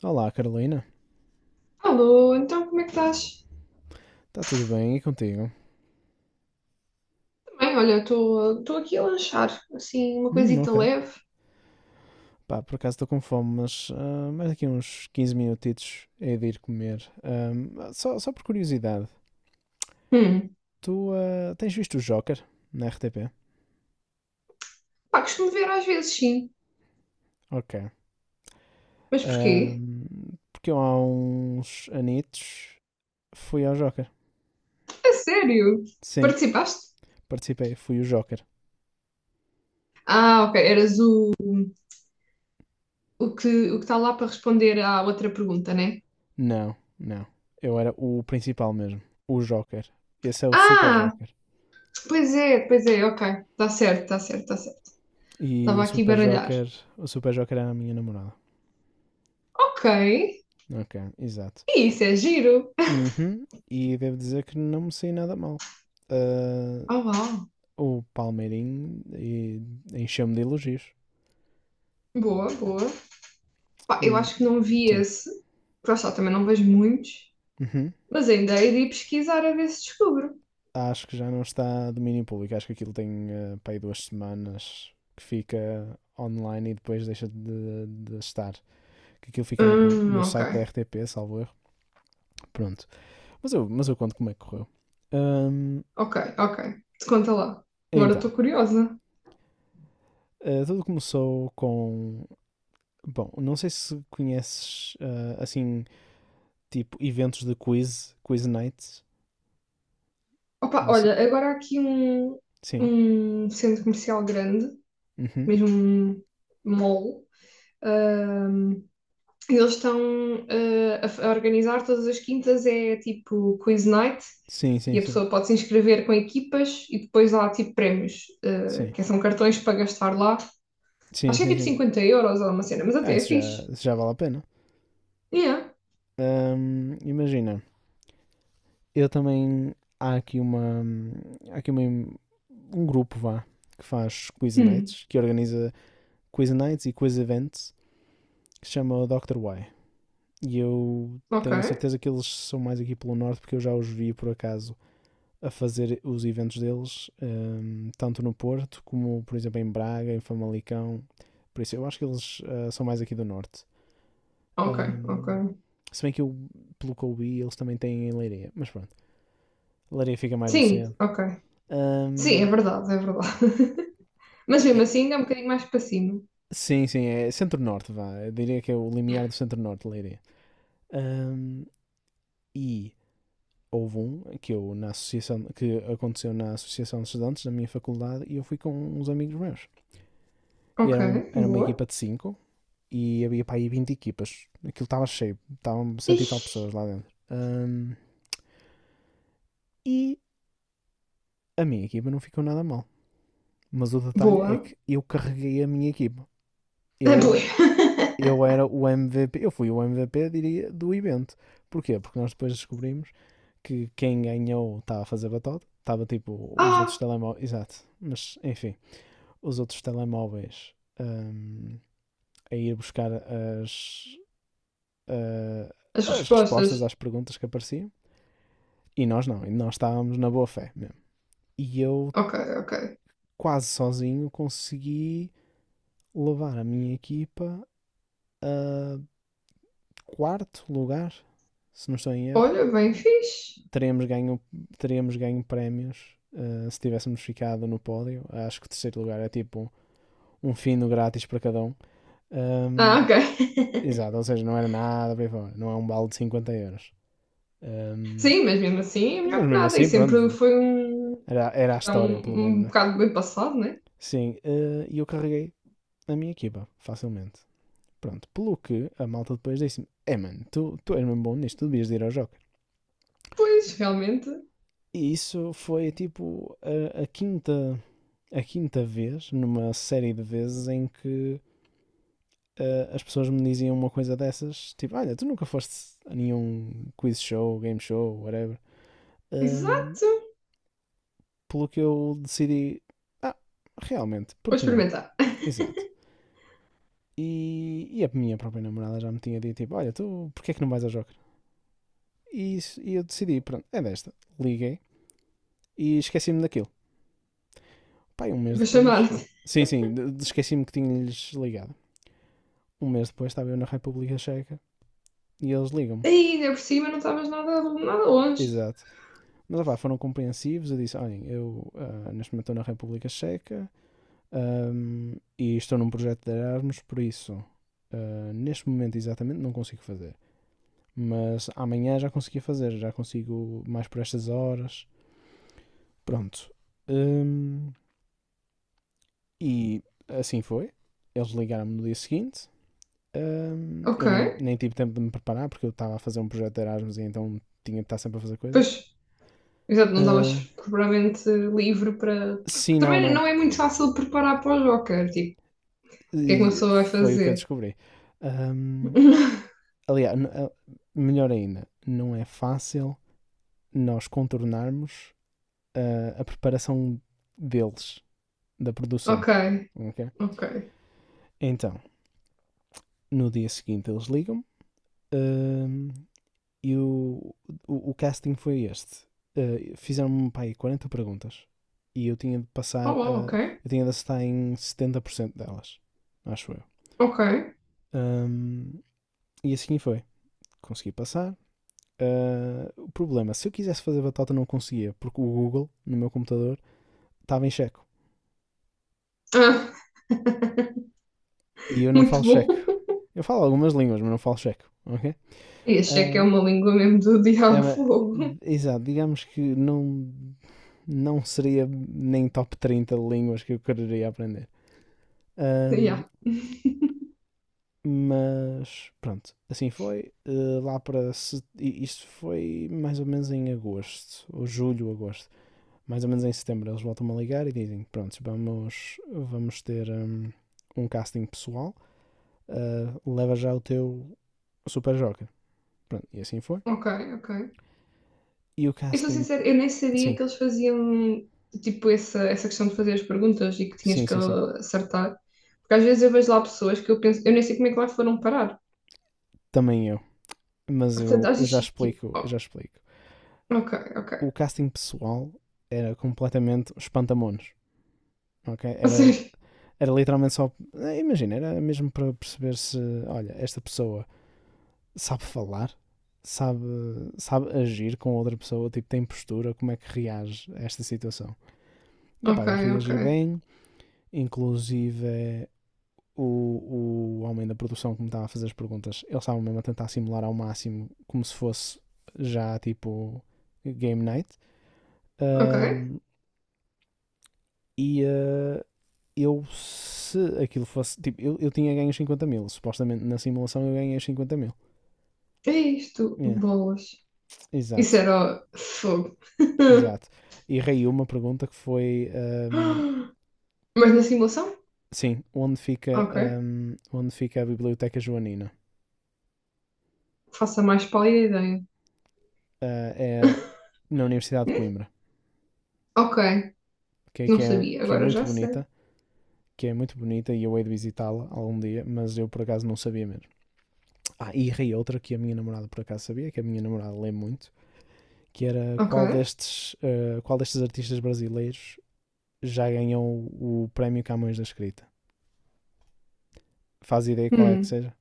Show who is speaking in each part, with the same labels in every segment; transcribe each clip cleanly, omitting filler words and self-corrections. Speaker 1: Olá, Carolina.
Speaker 2: Alô, então como é que estás?
Speaker 1: Está tudo bem? E contigo?
Speaker 2: Também, olha, estou aqui a lanchar, assim, uma coisita
Speaker 1: Ok.
Speaker 2: leve.
Speaker 1: Pá, por acaso estou com fome, mas mais daqui a uns 15 minutitos hei de ir comer. Só por curiosidade,
Speaker 2: Hum.
Speaker 1: tu tens visto o Joker na RTP?
Speaker 2: Pá, costumo ver às vezes, sim.
Speaker 1: Ok.
Speaker 2: Mas porquê?
Speaker 1: Porque eu há uns anitos fui ao Joker.
Speaker 2: É sério?
Speaker 1: Sim,
Speaker 2: Participaste?
Speaker 1: participei, fui o Joker.
Speaker 2: Ah, ok, eras o, o que o que está lá para responder à outra pergunta, né?
Speaker 1: Não, não. Eu era o principal mesmo. O Joker. Esse é o Super
Speaker 2: Ah,
Speaker 1: Joker.
Speaker 2: pois é, ok. Está certo, está certo, está certo.
Speaker 1: E
Speaker 2: Estava
Speaker 1: o
Speaker 2: aqui a
Speaker 1: Super
Speaker 2: baralhar.
Speaker 1: Joker, o Super Joker era a minha namorada.
Speaker 2: Ok,
Speaker 1: Ok, exato.
Speaker 2: isso é giro.
Speaker 1: Uhum. E devo dizer que não me saí nada mal. Ah,
Speaker 2: Oh, uau.
Speaker 1: o Palmeirinho encheu-me de elogios.
Speaker 2: Boa, boa. Pá, eu
Speaker 1: Hum,
Speaker 2: acho que não vi
Speaker 1: sim.
Speaker 2: esse. Porque lá está, também não vejo muitos.
Speaker 1: Uhum.
Speaker 2: Mas ainda hei de ir pesquisar a ver se descubro.
Speaker 1: Acho que já não está a domínio público. Acho que aquilo tem para aí 2 semanas que fica online e depois deixa de estar. Que aquilo fica no, no
Speaker 2: Ok,
Speaker 1: site da RTP, salvo erro. Pronto. Mas eu conto como é que correu. Hum,
Speaker 2: ok, ok. Te conta lá. Agora
Speaker 1: então,
Speaker 2: estou curiosa.
Speaker 1: ah, tudo começou com. Bom, não sei se conheces assim tipo eventos de quiz nights.
Speaker 2: Opa,
Speaker 1: Não sei.
Speaker 2: olha, agora há aqui um,
Speaker 1: Sim.
Speaker 2: um centro comercial grande,
Speaker 1: Uhum.
Speaker 2: mesmo um mall. Ahm, eles estão a organizar todas as quintas, é tipo quiz night,
Speaker 1: Sim,
Speaker 2: e
Speaker 1: sim,
Speaker 2: a
Speaker 1: sim.
Speaker 2: pessoa pode se inscrever com equipas e depois há tipo prémios, ah,
Speaker 1: Sim.
Speaker 2: que são cartões para gastar lá.
Speaker 1: Sim,
Speaker 2: Acho que é
Speaker 1: sim,
Speaker 2: tipo
Speaker 1: sim.
Speaker 2: 50€ ou uma cena, mas
Speaker 1: Ah,
Speaker 2: até é
Speaker 1: isso já,
Speaker 2: fixe.
Speaker 1: isso já vale a pena.
Speaker 2: Yeah.
Speaker 1: Imagina, eu também há aqui um grupo vá que faz quiz nights, que organiza quiz nights e quiz events, que se chama o Dr. Y. E eu
Speaker 2: Ok,
Speaker 1: tenho a certeza que eles são mais aqui pelo norte porque eu já os vi por acaso a fazer os eventos deles, tanto no Porto como, por exemplo, em Braga, em Famalicão. Por isso, eu acho que eles são mais aqui do Norte.
Speaker 2: ok, ok.
Speaker 1: Hum, se bem que eu, pelo que eu vi, eles também têm em Leiria. Mas pronto, Leiria fica mais no
Speaker 2: Sim,
Speaker 1: centro.
Speaker 2: ok. Sim, é
Speaker 1: Hum,
Speaker 2: verdade, é verdade. Mas mesmo
Speaker 1: é-
Speaker 2: assim é um bocadinho mais para cima.
Speaker 1: sim, sim, é centro-norte, vá. Eu diria que é o limiar do centro-norte, Leiria. Hum, e houve um que eu, na associação, que aconteceu na Associação de Estudantes da minha faculdade e eu fui com uns amigos meus. E
Speaker 2: Ok,
Speaker 1: era uma
Speaker 2: boa.
Speaker 1: equipa de cinco e havia para aí 20 equipas. Aquilo estava cheio, estavam cento e tal
Speaker 2: Ixi,
Speaker 1: pessoas lá dentro. E a minha equipa não ficou nada mal. Mas o detalhe é
Speaker 2: boa.
Speaker 1: que eu carreguei a minha equipa.
Speaker 2: É boa.
Speaker 1: Eu, eu era o MVP, eu fui o MVP, diria, do evento. Porquê? Porque nós depois descobrimos que quem ganhou estava a fazer batota, estava tipo os outros
Speaker 2: Ah,
Speaker 1: telemóveis, exato, mas enfim, os outros telemóveis hum, a ir buscar ah,
Speaker 2: as
Speaker 1: as respostas
Speaker 2: respostas.
Speaker 1: às perguntas que apareciam. E nós não, e nós estávamos na boa fé mesmo. E eu,
Speaker 2: Ok, ok.
Speaker 1: quase sozinho, consegui levar a minha equipa a quarto lugar, se não estou em erro.
Speaker 2: Olha, bem fixe.
Speaker 1: Teríamos ganho, teríamos ganho prémios se tivéssemos ficado no pódio. Acho que o terceiro lugar é tipo um fino grátis para cada um.
Speaker 2: Ah,
Speaker 1: Um,
Speaker 2: ok.
Speaker 1: exato, ou seja, não era nada para aí fora, não é um balde de 50 euros. Um,
Speaker 2: Sim, mas mesmo assim é
Speaker 1: mas
Speaker 2: melhor que
Speaker 1: mesmo
Speaker 2: nada. E
Speaker 1: assim,
Speaker 2: sempre
Speaker 1: pronto,
Speaker 2: foi um,
Speaker 1: era a
Speaker 2: é
Speaker 1: história, pelo
Speaker 2: um,
Speaker 1: menos,
Speaker 2: um
Speaker 1: né?
Speaker 2: bocado bem passado, né?
Speaker 1: Sim, e eu carreguei a minha equipa, facilmente. Pronto, pelo que a malta depois disse-me: É mano, tu és mesmo bom nisto, tu devias de ir ao Joker.
Speaker 2: Pois, realmente.
Speaker 1: E isso foi tipo a quinta vez, numa série de vezes, em que as pessoas me diziam uma coisa dessas: Tipo, olha, tu nunca foste a nenhum quiz show, game show, whatever. Ahm,
Speaker 2: Exato.
Speaker 1: pelo que eu decidi: Ah, realmente, por
Speaker 2: Vou
Speaker 1: que não?
Speaker 2: experimentar.
Speaker 1: Exato. E a minha própria namorada já me tinha dito: Tipo, olha, tu, porquê é que não vais ao Joker? E eu decidi: Pronto, é desta. Liguei e esqueci-me daquilo. Pá, um mês
Speaker 2: Vou
Speaker 1: depois.
Speaker 2: chamar-te.
Speaker 1: Sim, sim, esqueci-me que tinha-lhes ligado. Um mês depois estava eu na República Checa e eles ligam-me.
Speaker 2: Ai, ainda por cima não estavas nada, nada longe.
Speaker 1: Exato. Mas opá, foram compreensivos. Eu disse: olhem, eu neste momento estou na República Checa e estou num projeto de Erasmus, por isso neste momento exatamente não consigo fazer. Mas amanhã já conseguia fazer, já consigo mais por estas horas. Pronto. Ahm, e assim foi. Eles ligaram-me no dia seguinte.
Speaker 2: Ok.
Speaker 1: Eu nem tive tempo de me preparar porque eu estava a fazer um projeto de Erasmus e então tinha de estar sempre a fazer
Speaker 2: Pois.
Speaker 1: coisas.
Speaker 2: Exato, não
Speaker 1: Ah,
Speaker 2: estavas propriamente livre para.
Speaker 1: sim, não,
Speaker 2: Também
Speaker 1: não.
Speaker 2: não é muito fácil preparar para o Joker, tipo, o que é que uma
Speaker 1: E
Speaker 2: pessoa vai
Speaker 1: foi o que eu
Speaker 2: fazer?
Speaker 1: descobri. Ahm, Aliás, melhor ainda, não é fácil nós contornarmos a preparação deles, da produção.
Speaker 2: Ok,
Speaker 1: Ok?
Speaker 2: ok.
Speaker 1: Então, no dia seguinte eles ligam-me. ahm, E o casting foi este. Fizeram-me pá, aí 40 perguntas e eu tinha de passar,
Speaker 2: Olá, ok,
Speaker 1: eu tinha de acertar em 70% delas, acho eu.
Speaker 2: ok.
Speaker 1: Um, e assim foi. Consegui passar. O problema, se eu quisesse fazer batota, não conseguia, porque o Google, no meu computador, estava em checo.
Speaker 2: Ah,
Speaker 1: E eu não falo
Speaker 2: muito bom.
Speaker 1: checo. Eu falo algumas línguas, mas não falo checo, ok?
Speaker 2: E achei que é
Speaker 1: Uh,
Speaker 2: uma língua mesmo do
Speaker 1: É,
Speaker 2: diabo fogo.
Speaker 1: exato, digamos que não, não seria nem top 30 de línguas que eu quereria aprender. Ahm,
Speaker 2: Yeah,
Speaker 1: mas pronto, assim foi. Eh, lá para. Se- i- Isto foi mais ou menos em agosto, ou julho, agosto. Mais ou menos em setembro eles voltam-me a ligar e dizem: Pronto, vamos ter um casting pessoal, leva já o teu Super Joker. Pronto, e assim foi.
Speaker 2: ok, ok.
Speaker 1: E o
Speaker 2: Eu sou
Speaker 1: casting.
Speaker 2: sincera, eu nem sabia
Speaker 1: Sim,
Speaker 2: que eles faziam, tipo, essa questão de fazer as perguntas e que tinhas
Speaker 1: sim,
Speaker 2: que
Speaker 1: sim, sim.
Speaker 2: acertar. Porque às vezes eu vejo lá pessoas que eu penso, eu nem sei como é que lá foram parar.
Speaker 1: Também eu. Mas
Speaker 2: Portanto,
Speaker 1: eu,
Speaker 2: às
Speaker 1: eu
Speaker 2: vezes
Speaker 1: já
Speaker 2: fico tipo,
Speaker 1: explico, eu
Speaker 2: oh,
Speaker 1: já explico.
Speaker 2: ok,
Speaker 1: O
Speaker 2: ok.
Speaker 1: casting pessoal era completamente espantamonos, ok?
Speaker 2: A
Speaker 1: Era,
Speaker 2: sério.
Speaker 1: era literalmente só, imagina, era mesmo para perceber se, olha, esta pessoa sabe falar, sabe, sabe agir com outra pessoa, tipo, tem postura, como é que reage a esta situação. E opá,
Speaker 2: Ok,
Speaker 1: eu
Speaker 2: ok,
Speaker 1: reagi bem, inclusive o homem da produção que me estava a fazer as perguntas, ele estava mesmo a tentar simular ao máximo como se fosse já tipo game night.
Speaker 2: ok.
Speaker 1: Ahm, e eu, se aquilo fosse. Tipo, eu tinha ganho 50.000. Supostamente na simulação eu ganhei 50.000.
Speaker 2: Que é isto?
Speaker 1: Yeah,
Speaker 2: Bolas. Isso
Speaker 1: exato,
Speaker 2: era fogo.
Speaker 1: exato. Errei uma pergunta que foi:
Speaker 2: Mas na simulação?
Speaker 1: sim, onde fica,
Speaker 2: Ok.
Speaker 1: ahm, onde fica a Biblioteca Joanina?
Speaker 2: Faça mais pálida ideia.
Speaker 1: Ah, é na Universidade de Coimbra,
Speaker 2: Ok.
Speaker 1: que é,
Speaker 2: Não
Speaker 1: que, é,
Speaker 2: sabia,
Speaker 1: que é
Speaker 2: agora
Speaker 1: muito
Speaker 2: já sei.
Speaker 1: bonita. Que é muito bonita e eu hei de visitá-la algum dia, mas eu por acaso não sabia mesmo. Ah, e errei outra que a minha namorada por acaso sabia, que a minha namorada lê muito, que era
Speaker 2: Ok.
Speaker 1: qual destes artistas brasileiros já ganhou o prémio Camões da Escrita. Faz ideia qual é que
Speaker 2: Hum.
Speaker 1: seja?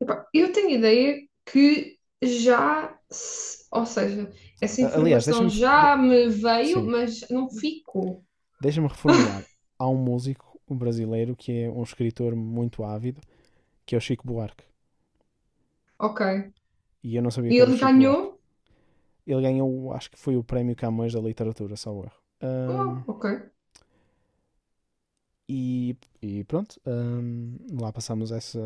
Speaker 2: Epá, eu tenho ideia que já. Se- Ou seja, essa
Speaker 1: Aliás,
Speaker 2: informação
Speaker 1: de-
Speaker 2: já me veio,
Speaker 1: sim,
Speaker 2: mas não ficou.
Speaker 1: deixa-me reformular. Há um músico brasileiro que é um escritor muito ávido, que é o Chico Buarque.
Speaker 2: Ok.
Speaker 1: E eu não sabia
Speaker 2: E
Speaker 1: que era o
Speaker 2: ele
Speaker 1: Chico Buarque.
Speaker 2: ganhou?
Speaker 1: Ele ganhou, acho que foi o prémio Camões da Literatura, salvo erro.
Speaker 2: Uau, ok.
Speaker 1: E, e pronto, lá passamos essa,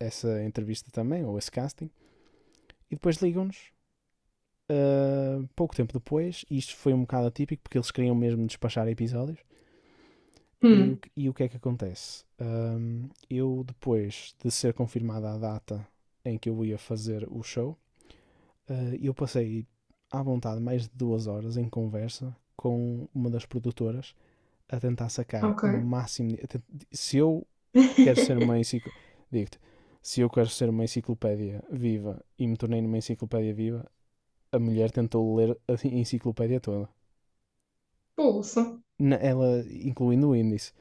Speaker 1: essa entrevista também, ou esse casting. E depois ligam-nos pouco tempo depois, e isto foi um bocado atípico porque eles queriam mesmo despachar episódios. E o,
Speaker 2: Hum.
Speaker 1: que- e o que é que acontece? Eu, depois de ser confirmada a data em que eu ia fazer o show, eu passei à vontade mais de 2 horas em conversa com uma das produtoras a tentar sacar
Speaker 2: Ok.
Speaker 1: o máximo. Se eu quero ser uma enciclopédia. Digo-te, se eu quero ser uma enciclopédia viva e me tornei numa enciclopédia viva, a mulher tentou ler a enciclopédia toda.
Speaker 2: Bolsa.
Speaker 1: Ela, incluindo o índice,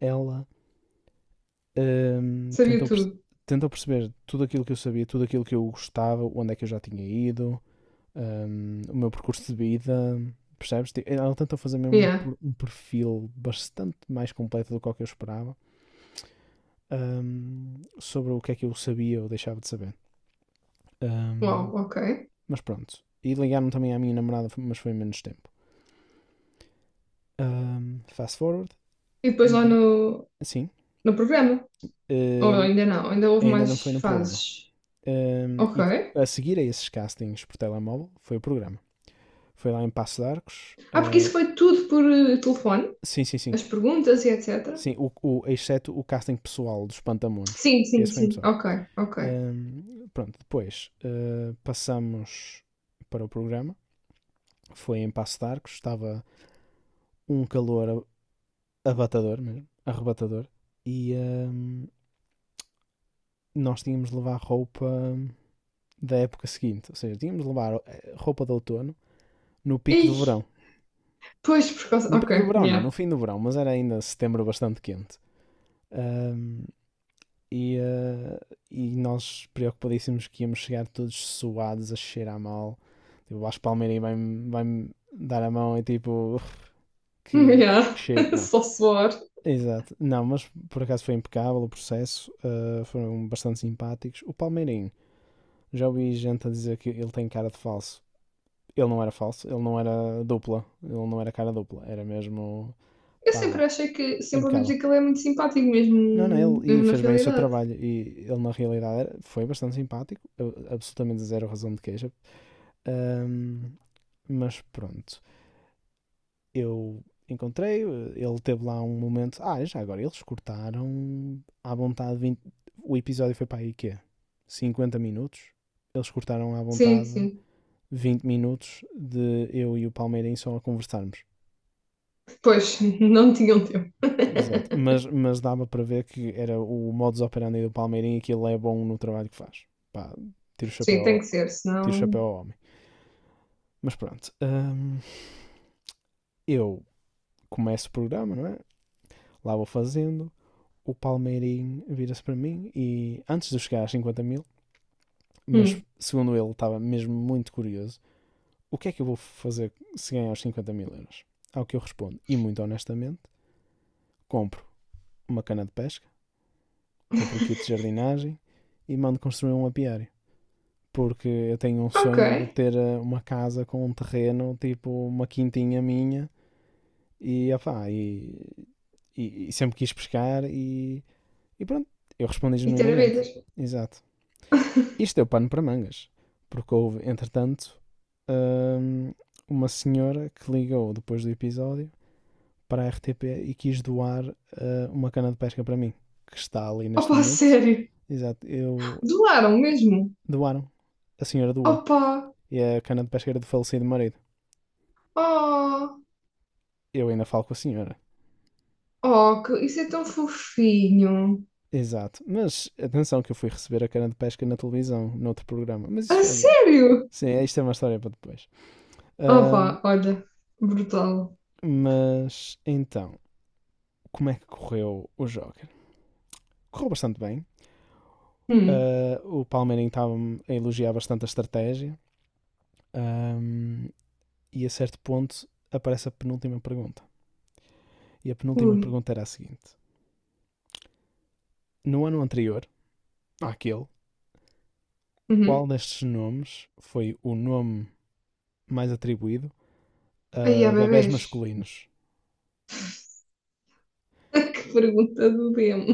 Speaker 1: ela hum,
Speaker 2: Sabia
Speaker 1: tentou,
Speaker 2: tudo.
Speaker 1: tentou perceber tudo aquilo que eu sabia, tudo aquilo que eu gostava, onde é que eu já tinha ido, o meu percurso de vida, percebes? Tipo, ela tentou fazer mesmo
Speaker 2: Yeah.
Speaker 1: um perfil bastante mais completo do que o que eu esperava, hum, sobre o que é que eu sabia ou deixava de saber.
Speaker 2: Uau,
Speaker 1: Hum,
Speaker 2: ok.
Speaker 1: mas pronto. E ligaram também à minha namorada, mas foi em menos tempo. Fast forward.
Speaker 2: E depois lá
Speaker 1: E,
Speaker 2: no,
Speaker 1: assim,
Speaker 2: no programa. Ou
Speaker 1: eh,
Speaker 2: ainda não, ainda houve
Speaker 1: ainda não
Speaker 2: mais
Speaker 1: foi no programa.
Speaker 2: fases.
Speaker 1: Um,
Speaker 2: Ok.
Speaker 1: e a seguir a esses castings por telemóvel foi o programa. Foi lá em Passo de Arcos.
Speaker 2: Ah, porque isso
Speaker 1: ah,
Speaker 2: foi tudo por telefone,
Speaker 1: sim, sim, sim.
Speaker 2: as perguntas e etc.
Speaker 1: Sim, exceto o casting pessoal dos Pantamones.
Speaker 2: Sim, sim,
Speaker 1: Esse foi em
Speaker 2: sim.
Speaker 1: pessoal.
Speaker 2: Ok, ok.
Speaker 1: Pronto, depois passamos para o programa. Foi em Passo de Arcos. Estava um calor abatador mesmo, arrebatador. E nós tínhamos de levar roupa da época seguinte. Ou seja, tínhamos de levar roupa de outono no pico do
Speaker 2: Ih,
Speaker 1: verão.
Speaker 2: pois por causa.
Speaker 1: No
Speaker 2: Ok,
Speaker 1: pico do verão, não, no
Speaker 2: yeah.
Speaker 1: fim do verão, mas era ainda setembro bastante quente. Ahm, e, ah, e nós preocupadíssimos que íamos chegar todos suados, a cheirar mal. Tipo, o Vasco Palmeirim vai-me dar a mão e tipo, que,
Speaker 2: Yeah.
Speaker 1: que cheiro. Não.
Speaker 2: Só suor.
Speaker 1: Exato. Não, mas por acaso foi impecável o processo. Foram bastante simpáticos. O Palmeirim, já ouvi gente a dizer que ele tem cara de falso. Ele não era falso, ele não era dupla. Ele não era cara dupla. Era mesmo,
Speaker 2: Eu
Speaker 1: pá,
Speaker 2: sempre achei que, sempre ouvi
Speaker 1: impecável.
Speaker 2: dizer que ele é muito simpático,
Speaker 1: Não, não,
Speaker 2: mesmo,
Speaker 1: ele e
Speaker 2: mesmo na
Speaker 1: fez bem o seu
Speaker 2: realidade.
Speaker 1: trabalho. E ele, na realidade, foi bastante simpático, absolutamente zero razão de queixa. Ahm, mas pronto, eu encontrei, ele teve lá um momento. Ah, já agora, eles cortaram à vontade vinte. O episódio foi para aí quê? 50 minutos. Eles cortaram à
Speaker 2: Sim,
Speaker 1: vontade
Speaker 2: sim.
Speaker 1: 20 minutos de eu e o Palmeirense só a conversarmos.
Speaker 2: Pois, não tinham tempo.
Speaker 1: Exato, mas dava para ver que era o modus operandi do Palmeirinho e que ele é bom no trabalho que faz. Pá, tiro o
Speaker 2: Sim,
Speaker 1: chapéu,
Speaker 2: tem que
Speaker 1: ao-
Speaker 2: ser,
Speaker 1: tiro o
Speaker 2: senão.
Speaker 1: chapéu ao homem. Mas pronto, eu começo o programa, não é? Lá vou fazendo, o Palmeirinho vira-se para mim e antes de eu chegar às 50 mil, mas
Speaker 2: Hum.
Speaker 1: segundo ele estava mesmo muito curioso, o que é que eu vou fazer se ganhar os 50 mil euros? Ao que eu respondo, e muito honestamente, compro uma cana de pesca, compro um kit de jardinagem e mando construir um apiário. Porque eu tenho um
Speaker 2: Ok.
Speaker 1: sonho de ter uma casa com um terreno, tipo uma quintinha minha, e, opá, e, e sempre quis pescar e pronto, eu respondi
Speaker 2: E ter a
Speaker 1: genuinamente.
Speaker 2: vidas.
Speaker 1: Exato. Isto deu pano para mangas, porque houve, entretanto, hum, uma senhora que ligou depois do episódio para a RTP e quis doar uma cana de pesca para mim, que está ali neste
Speaker 2: Opa, a
Speaker 1: momento.
Speaker 2: sério.
Speaker 1: Exato, eu
Speaker 2: Doaram mesmo.
Speaker 1: doaram. A senhora doou.
Speaker 2: Opa!
Speaker 1: E a cana de pesca era do falecido marido.
Speaker 2: Oh!
Speaker 1: Eu ainda falo com a senhora.
Speaker 2: Oh, que- isso é tão fofinho!
Speaker 1: Exato. Mas atenção que eu fui receber a cana de pesca na televisão, noutro programa. Mas
Speaker 2: A
Speaker 1: isso é boa.
Speaker 2: sério?
Speaker 1: Sim, isto é uma história para depois. Ahm,
Speaker 2: Opa, olha, brutal.
Speaker 1: mas então, como é que correu o Joker? Correu bastante bem.
Speaker 2: Hum,
Speaker 1: Ah, o Palmeirinho estava a elogiar bastante a estratégia. Ahm, e a certo ponto aparece a penúltima pergunta. E a penúltima
Speaker 2: ui.
Speaker 1: pergunta era a seguinte: no ano anterior, àquele, qual
Speaker 2: Uhum.
Speaker 1: destes nomes foi o nome mais atribuído
Speaker 2: Aí há
Speaker 1: bebés
Speaker 2: bebês.
Speaker 1: masculinos.
Speaker 2: Que pergunta do demo.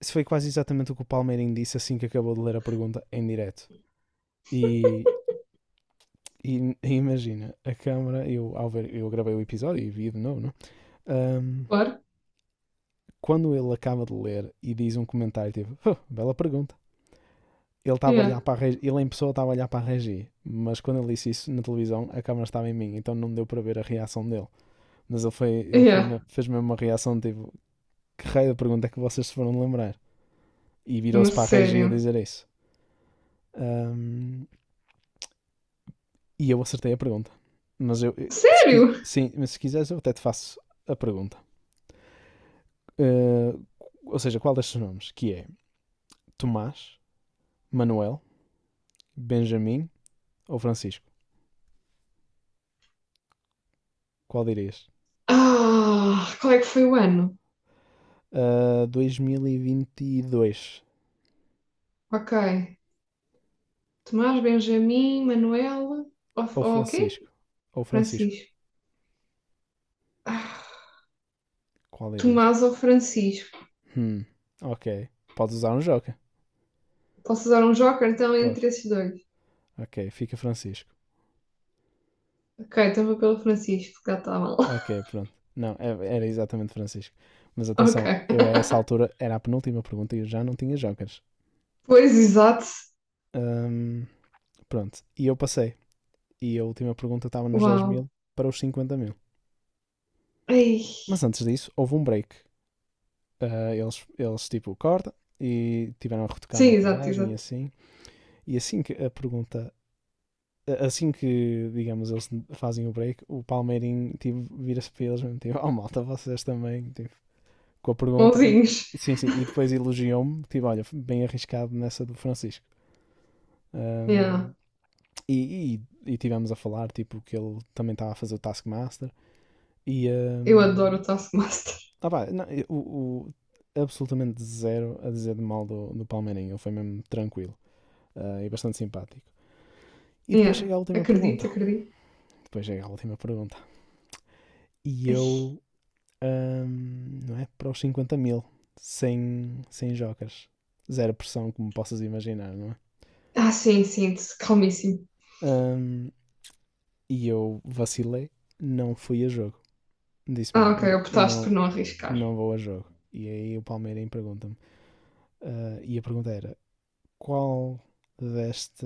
Speaker 1: Isso foi quase exatamente o que o Palmeirinho disse assim que acabou de ler a pergunta em direto. E, e imagina, a câmara, eu, ao ver, eu gravei o episódio e vi de novo, não? Um,
Speaker 2: Claro.
Speaker 1: quando ele acaba de ler e diz um comentário tipo, oh, bela pergunta. Ele estava a
Speaker 2: Yeah.
Speaker 1: olhar para a Regi, ele em pessoa estava a olhar para a Regi, mas quando ele disse isso na televisão, a câmera estava em mim, então não deu para ver a reação dele. Mas ele foi,
Speaker 2: Yeah.
Speaker 1: fez mesmo uma reação tipo, que raio da pergunta é que vocês se foram lembrar? E virou-se
Speaker 2: Mas
Speaker 1: para a Regi a
Speaker 2: sério.
Speaker 1: dizer isso. Ahm, e eu acertei a pergunta. Mas eu, se, qui-
Speaker 2: Sério?
Speaker 1: sim, mas se quiseres, eu até te faço a pergunta. Eh, ou seja, qual destes nomes? Que é Tomás, Manuel, Benjamin ou Francisco? Qual dirias?
Speaker 2: Ah, qual é que foi o ano?
Speaker 1: 2022.
Speaker 2: Ok. Tomás, Benjamin, Manuel.
Speaker 1: Ou
Speaker 2: Ou o quê?
Speaker 1: Francisco. Ou Francisco.
Speaker 2: Francisco. Ah,
Speaker 1: Qual dirias?
Speaker 2: Tomás ou Francisco?
Speaker 1: Hum, ok. Podes usar um joker.
Speaker 2: Posso usar um joker então
Speaker 1: Podes.
Speaker 2: entre esses dois?
Speaker 1: Ok, fica Francisco.
Speaker 2: Ok, então vou pelo Francisco, já está mal.
Speaker 1: Ok, pronto. Não, é- era exatamente Francisco. Mas atenção,
Speaker 2: Ok.
Speaker 1: eu a essa altura era a penúltima pergunta e eu já não tinha jokers.
Speaker 2: Pois, exato.
Speaker 1: Ahm, pronto, e eu passei. E a última pergunta estava nos dez
Speaker 2: Uau.
Speaker 1: mil para os 50.000.
Speaker 2: Ei.
Speaker 1: Mas antes disso, houve um break. Ah, tipo, corta e tiveram a retocar a
Speaker 2: Sim, exato,
Speaker 1: maquilhagem e
Speaker 2: exato.
Speaker 1: assim. E assim que a pergunta. Assim que, digamos, eles fazem o break, o Palmeirinho tipo, vira-se para eles mesmo, tipo, oh malta, vocês também, tipo, com a pergunta. E,
Speaker 2: Mãozinhos.
Speaker 1: sim, sim, e depois elogiou-me, tipo, olha, bem arriscado nessa do Francisco.
Speaker 2: Yeah.
Speaker 1: Ahm, e, e tivemos a falar, tipo, que ele também estava a fazer o Taskmaster. E
Speaker 2: Eu adoro o Taskmaster.
Speaker 1: ah, pá, não, absolutamente zero a dizer de mal do, do Palmeirinho. Ele foi mesmo tranquilo, ah, e bastante simpático. E depois
Speaker 2: Yeah.
Speaker 1: chega a última pergunta.
Speaker 2: Acredito, acredito.
Speaker 1: Depois chega a última pergunta. E
Speaker 2: Ai.
Speaker 1: eu, não é? Para os 50 mil, sem, sem jocas. Zero pressão, como possas imaginar, não é?
Speaker 2: Ah, sim, sim, calmíssimo.
Speaker 1: Hum, e eu vacilei, não fui a jogo. Disse
Speaker 2: Ah,
Speaker 1: mesmo,
Speaker 2: ok, optaste por
Speaker 1: Não,
Speaker 2: não arriscar.
Speaker 1: não vou a jogo. E aí o Palmeirinho pergunta-me. Ah, e a pergunta era: qual desta,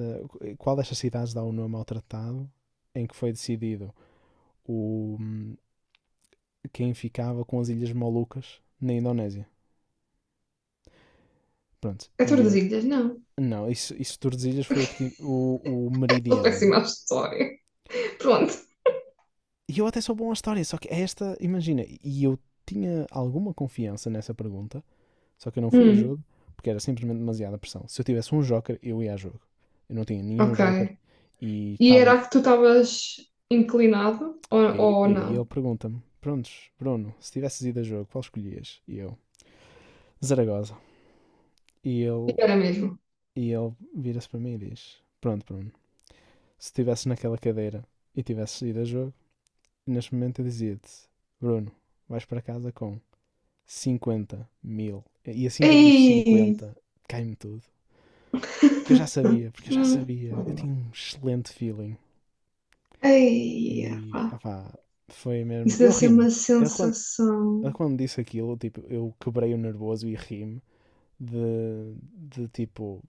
Speaker 1: qual destas cidades dá o nome ao tratado em que foi decidido o, quem ficava com as Ilhas Molucas na Indonésia? Pronto,
Speaker 2: É
Speaker 1: e eu.
Speaker 2: Tordesilhas? Não.
Speaker 1: Não, isso Tordesilhas foi o, que, o
Speaker 2: Sou
Speaker 1: meridiano.
Speaker 2: péssima à história. Pronto.
Speaker 1: E eu até sou bom à história, só que é esta, imagina, e eu tinha alguma confiança nessa pergunta, só que eu não fui a
Speaker 2: Hum,
Speaker 1: jogo porque era simplesmente demasiada pressão. Se eu tivesse um joker, eu ia a jogo. Eu não tinha nenhum
Speaker 2: ok.
Speaker 1: joker e
Speaker 2: E era
Speaker 1: estava.
Speaker 2: a que tu estavas inclinado ou
Speaker 1: E aí ele
Speaker 2: não?
Speaker 1: pergunta-me: prontos, Bruno, se tivesses ido a jogo, qual escolhias? E eu: Zaragoza. E ele,
Speaker 2: Era mesmo.
Speaker 1: e ele vira-se para mim e diz: pronto, Bruno, se estivesses naquela cadeira e tivesses ido a jogo, neste momento eu dizia-te: Bruno, vais para casa com 50.000. E assim que ele diz
Speaker 2: Ei,
Speaker 1: 50 cai-me tudo. Porque eu já sabia, porque eu já
Speaker 2: hum,
Speaker 1: sabia. Eu tinha um excelente feeling.
Speaker 2: ei, pá.
Speaker 1: E, opá, foi mesmo.
Speaker 2: Isso
Speaker 1: Eu
Speaker 2: deve ser
Speaker 1: ri-me.
Speaker 2: uma
Speaker 1: Ele quando, ele
Speaker 2: sensação.
Speaker 1: quando disse aquilo, tipo, eu quebrei o nervoso e ri-me. de, de tipo,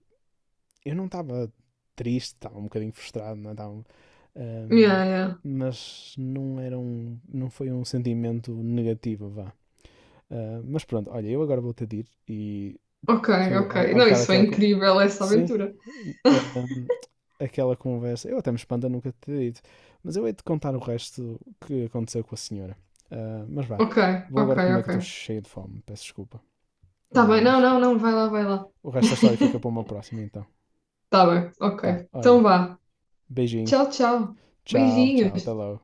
Speaker 1: eu não estava triste, estava um bocadinho frustrado, não estava, ahm,
Speaker 2: Yeah, yeah.
Speaker 1: mas não era um, não foi um sentimento negativo, vá. Ah, mas pronto, olha, eu agora vou-te de ir e
Speaker 2: Ok,
Speaker 1: tu,
Speaker 2: ok.
Speaker 1: há, há
Speaker 2: Não,
Speaker 1: bocado
Speaker 2: isso foi
Speaker 1: aquela,
Speaker 2: incrível, essa
Speaker 1: sim,
Speaker 2: aventura.
Speaker 1: ahm, aquela conversa, eu até me espanta nunca te ter dito, mas eu hei de contar o resto que aconteceu com a senhora. Ah, mas vá,
Speaker 2: Ok,
Speaker 1: vou
Speaker 2: ok,
Speaker 1: agora comer que
Speaker 2: ok.
Speaker 1: eu estou cheio de fome, peço desculpa,
Speaker 2: Tá bem, não,
Speaker 1: mas
Speaker 2: não, não, vai lá, vai lá.
Speaker 1: o resto da história fica para uma próxima então.
Speaker 2: Tá bem,
Speaker 1: Tá,
Speaker 2: ok.
Speaker 1: olha,
Speaker 2: Então vá.
Speaker 1: beijinho.
Speaker 2: Tchau, tchau.
Speaker 1: Tchau, tchau. Até
Speaker 2: Beijinhos.
Speaker 1: logo.